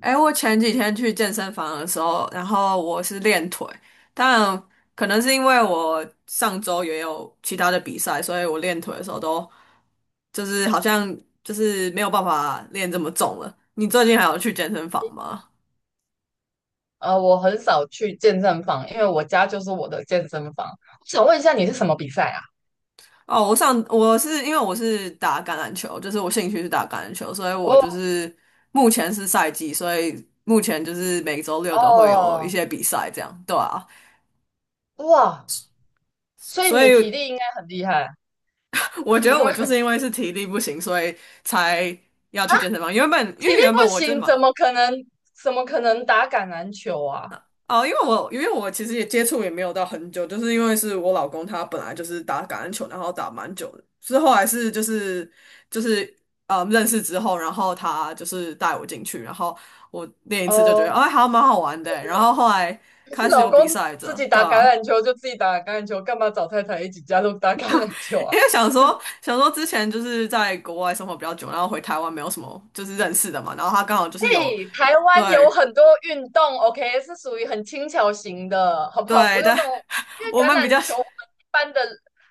哎，我前几天去健身房的时候，然后我是练腿，但可能是因为我上周也有其他的比赛，所以我练腿的时候都就是好像没有办法练这么重了。你最近还有去健身房吗？我很少去健身房，因为我家就是我的健身房。我想问一下，你是什么比赛啊？哦，我是因为我是打橄榄球，就是我兴趣是打橄榄球，所以我就哦是目前是赛季，所以目前就是每周六都会有一哦，些比赛，这样。对啊。哇，所以所你体以 力应该很厉害，我 觉因得我就为是因为是体力不行，所以才要去健身房。原本因为体力原本不我真是行，嘛。怎么可能打橄榄球啊？哦，因为我其实也接触也没有到很久，就是因为是我老公他本来就是打橄榄球，然后打蛮久的，是后来是就是认识之后，然后他就是带我进去，然后我练一次就觉得哦，哎还蛮好玩的欸，然后后来可是开始老有比公赛自着，己对打橄啊。榄球就自己打橄榄球，干嘛找太太一起加入打橄榄 球因啊？为想说，想说之前就是在国外生活比较久，然后回台湾没有什么就是认识的嘛，然后他刚好就是有。嘿，台湾有对很多运动，OK,是属于很轻巧型的，好不好？不对，用但 那种，因 为我橄们比榄较。球我们一般的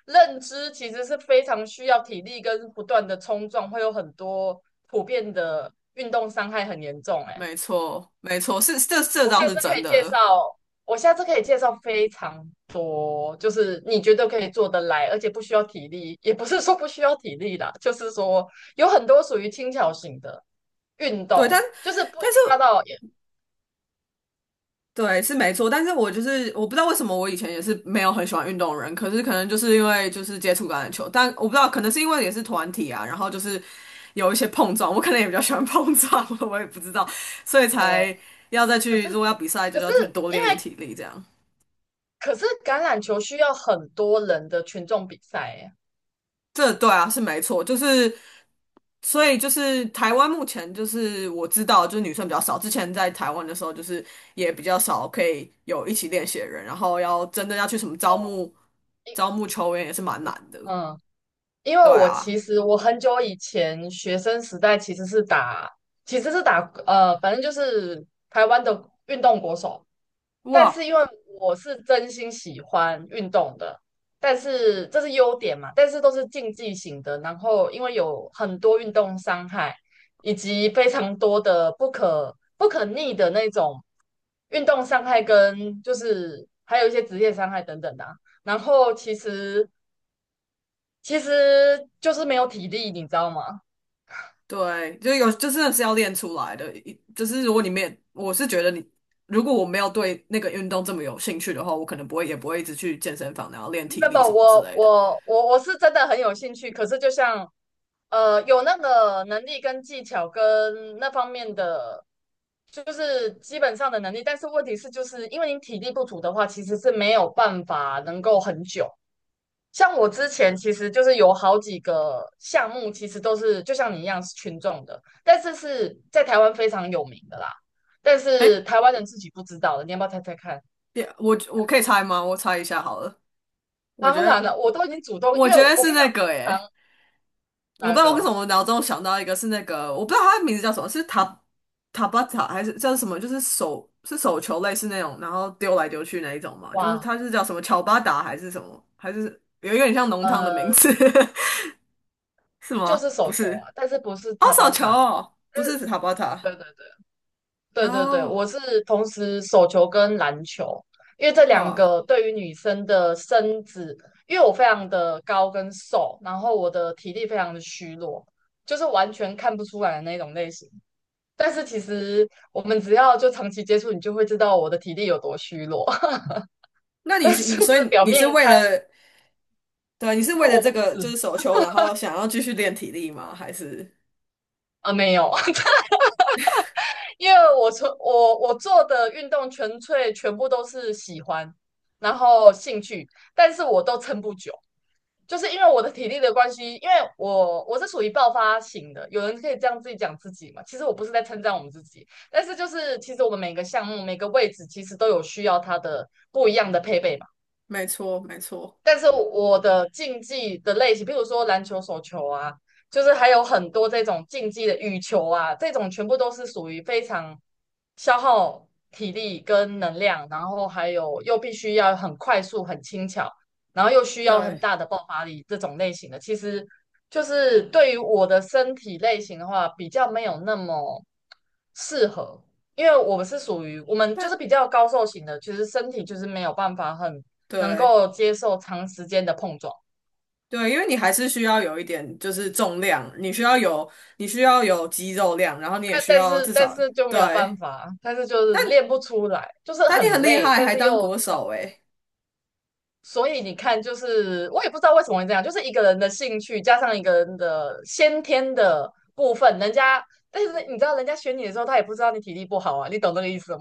认知其实是非常需要体力跟不断的冲撞，会有很多普遍的运动伤害很严重。哎，没错没错，是这我倒下是次可真以介的。绍，我下次可以介绍非常多，就是你觉得可以做得来，而且不需要体力，也不是说不需要体力啦，就是说有很多属于轻巧型的。运对，但动，就是不一但是定要到，对是没错，但是我就是我不知道为什么我以前也是没有很喜欢运动的人，可是可能就是因为就是接触橄榄球，但我不知道可能是因为也是团体啊，然后就是有一些碰撞，我可能也比较喜欢碰撞，我也不知道，所以哦，才要再可去，是如果要比赛就可是要去多因练一为点体力这样。可是橄榄球需要很多人的群众比赛耶，这对啊，是没错，就是所以就是台湾目前就是我知道就是女生比较少，之前在台湾的时候就是也比较少可以有一起练习的人，然后要真的要去什么招募球员也是蛮难的。嗯。因为对我啊。其实我很久以前学生时代其实是打，其实是打反正就是台湾的运动国手。但是哇。因为我是真心喜欢运动的，但是这是优点嘛，但是都是竞技型的。然后因为有很多运动伤害，以及非常多的不可逆的那种运动伤害，跟就是还有一些职业伤害等等的啊然后其实就是没有体力，你知道吗？对，就有就真的是要练出来的，一就是如果你没也，我是觉得你如果我没有对那个运动这么有兴趣的话，我可能不会也不会一直去健身房然后练不体不，力什么之我类的。我我我是真的很有兴趣，可是就像有那个能力跟技巧跟那方面的，就是基本上的能力，但是问题是，就是因为你体力不足的话，其实是没有办法能够很久。像我之前其实就是有好几个项目，其实都是就像你一样是群众的，但是是在台湾非常有名的啦，但哎，是台湾人自己不知道的，你要不要猜猜看？别，我可以猜吗？我猜一下好了。我觉当然得，了，我都已经主动，我因为觉我得我是跟你那讲，通个耶，常我不知那道为什么个我脑中想到一个是那个，我不知道它的名字叫什么，是塔巴塔还是叫什么？就是手球类似那种，然后丢来丢去那一种嘛，就是哇，它是叫什么乔巴达还是什么，还是有一个很像浓汤的名呃，字。是就吗？是不手球是。啊，但是不是哦，塔手巴球塔，不但是是塔巴对塔。对对对然对对，后我是同时手球跟篮球，因为这两哇，个对于女生的身子，因为我非常的高跟瘦，然后我的体力非常的虚弱，就是完全看不出来的那种类型。但是其实我们只要就长期接触，你就会知道我的体力有多虚弱，那 你但是是你就所是以表你面是为看，了。对啊，你是为我了这我不个是就是手球，然后想要继续练体力吗？还是？啊，没有。因为我从我我做的运动纯粹全部都是喜欢，然后兴趣，但是我都撑不久，就是因为我的体力的关系，因为我是属于爆发型的，有人可以这样自己讲自己嘛，其实我不是在称赞我们自己，但是就是其实我们每个项目每个位置其实都有需要它的不一样的配备嘛。没错，没错。但是我的竞技的类型，比如说篮球、手球啊，就是还有很多这种竞技的羽球啊，这种全部都是属于非常消耗体力跟能量，然后还有又必须要很快速、很轻巧，然后又需要很对，大的爆发力这种类型的。其实就是对于我的身体类型的话，比较没有那么适合，因为我们是属于我们就但是比较高瘦型的，其实身体就是没有办法很。能对够接受长时间的碰撞。对，因为你还是需要有一点就是重量，你需要有肌肉量，然后你也但需但要是至但少。是就没有办对，法，但是就是练不出来，就是但你很很厉累，害，但还是当又国喘。手诶。所以你看，就是我也不知道为什么会这样，就是一个人的兴趣加上一个人的先天的部分，人家但是你知道，人家选你的时候，他也不知道你体力不好啊，你懂这个意思吗？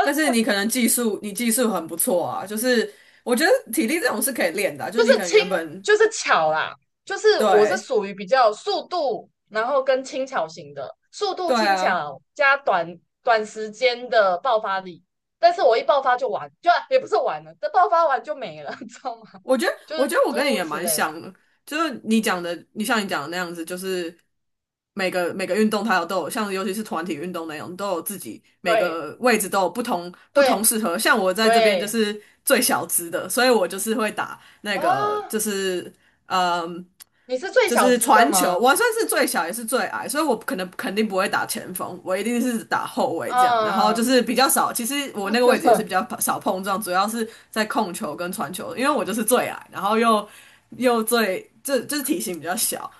但是你可能技术，你技术很不错啊，就是我觉得体力这种是可以练的啊，就就是是你可能轻，原本。就是巧啦，就是我是对属于比较速度，然后跟轻巧型的，速度对轻啊，巧加短短时间的爆发力，但是我一爆发就完，就也不是完了，这爆发完就没了，你知道吗？我觉得，就我是觉得我诸跟你如也此蛮类的，像的，就是你讲的，你像你讲的那样子，就是每个运动它有都有，像尤其是团体运动那种，都有自己每对个位置都有不同对适合。像我在这边就对是最小资的，所以我就是会打那啊，个就是。嗯。你是最就小是资的传球，吗？我算是最小也是最矮，所以我可能肯定不会打前锋，我一定是打后卫这样。然后就嗯，是比较少，其实我那个位置也是比较少碰撞，主要是在控球跟传球，因为我就是最矮，然后又又最就是体型比较小。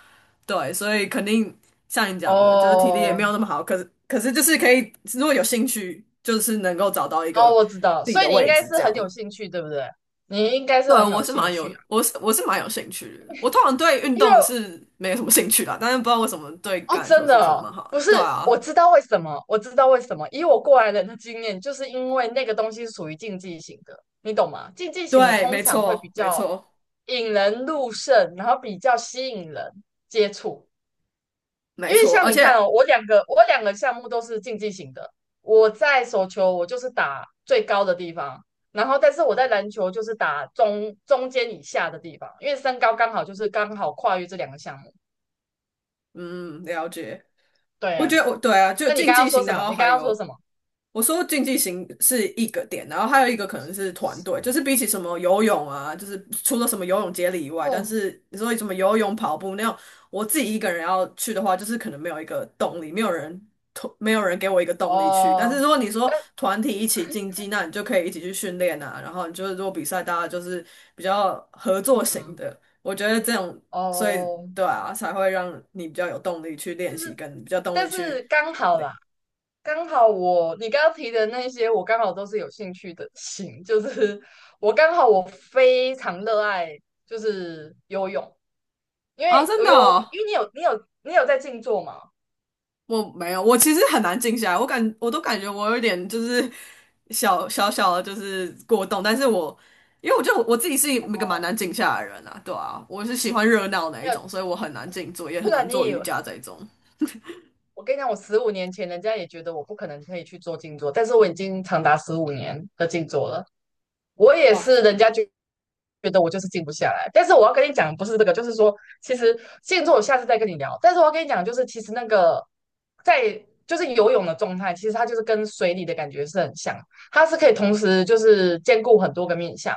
对，所以肯定像你讲的，就是体力也没哦有那么好，可是就是可以，如果有兴趣，就是能够找到一个哦，我知道，自己所以的你应位该置是这很有样。兴趣，对不对？你应该是对，很我有是兴蛮有，趣啊，我是蛮有兴趣的。我通常对运因为动是没有什么兴趣啦，但是不知道为什么对橄哦，榄球真的是真的哦，蛮好的。不是，对啊，我知道为什么，以我过来人的经验，就是因为那个东西是属于竞技型的，你懂吗？竞技型的对，通没常会比错，没较错，引人入胜，然后比较吸引人接触。没因为错。像而你看且，哦，我两个项目都是竞技型的，我在手球我就是打最高的地方，然后但是我在篮球就是打中间以下的地方，因为身高刚好就是刚好跨越这两个项目。嗯，了解。对我觉啊，得我。对啊，就那你竞刚刚技说型，什然么？后你刚还刚说有什么？我说竞技型是一个点，然后还有一个可能是团队，就是比起什么游泳啊，就是除了什么游泳接力以外，但哦是你说什么游泳、跑步那样，我自己一个人要去的话，就是可能没有一个动力，没有人推，没有人给我一个动力去。但是哦，如果你说但团体一起竞技，那你就可以一起去训练啊，然后你就是如果比赛，大家就是比较合作型嗯，的，我觉得这种，所以哦，对啊，才会让你比较有动力去练就习，是跟比较动但力是去。刚好啦，刚好我你刚刚提的那些，我刚好都是有兴趣的型，就是我刚好我非常热爱就是游泳，因啊，为真游的泳，因哦。为你有在静坐嘛，我没有，我其实很难静下来，我都感觉我有点就是小小的，就是过动，但是我因为我觉得我自己是一个蛮难静下来的人啊，对啊，我是喜欢热闹那还一有种，所以我很难静坐，也不很难然你做以瑜为。伽这一种。我跟你讲，我15年前人家也觉得我不可能可以去做静坐，但是我已经长达15年的静坐了。我也哇。是，人家就觉得我就是静不下来。但是我要跟你讲，不是这个，就是说，其实静坐我下次再跟你聊。但是我要跟你讲，就是其实那个在就是游泳的状态，其实它就是跟水里的感觉是很像，它是可以同时就是兼顾很多个面向。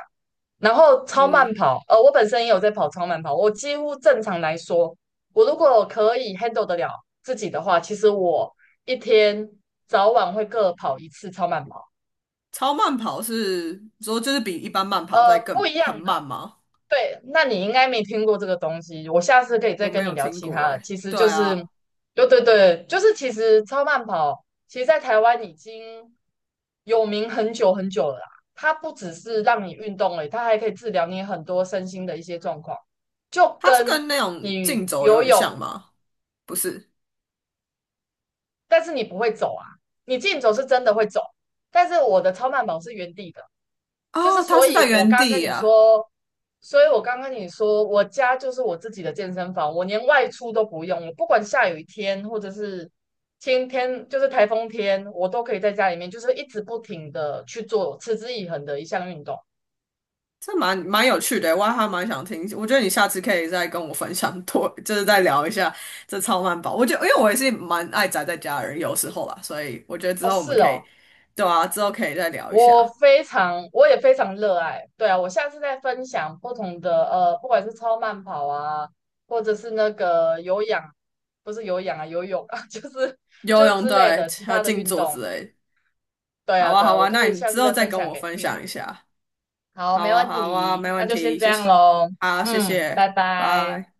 然后超慢嗯。跑，我本身也有在跑超慢跑，我几乎正常来说，我如果可以 handle 得了自己的话，其实我一天早晚会各跑1次超慢跑，超慢跑是说就是比一般慢呃，跑在不更一很样慢的，吗？对，那你应该没听过这个东西，我下次可以我再没跟有你聊听其过他的。诶、其实对就是，啊，对，就是其实超慢跑，其实在台湾已经有名很久很久了啦。它不只是让你运动而已，它还可以治疗你很多身心的一些状况，就它是跟跟那种竞你走有游点泳，像吗？不是，但是你不会走啊，你竞走是真的会走，但是我的超慢跑是原地的。就是哦，它所是以，在我原刚跟地你啊。说，所以我刚跟你说，我家就是我自己的健身房，我连外出都不用，我不管下雨天或者是天天就是台风天，我都可以在家里面，就是一直不停的去做持之以恒的一项运动。这蛮有趣的，我还蛮想听。我觉得你下次可以再跟我分享多，就是再聊一下这超慢跑。我觉得，因为我也是蛮爱宅在家的人，有时候啦，所以我觉得之哦，后我们是可以。哦，对啊，之后可以再聊一下我也非常热爱。对啊，我下次再分享不同的不管是超慢跑啊，或者是那个有氧，不是有氧啊，游泳啊，游就是泳，之对，类的其还有他的静运坐动。之类的。对好啊，啊，对好啊，我啊，可那以你下之次后再再分跟享我给分你听。享一下。好，好没啊，问好啊，没题，问那就先题，这谢样谢。喽。好，谢嗯，拜谢，拜。拜。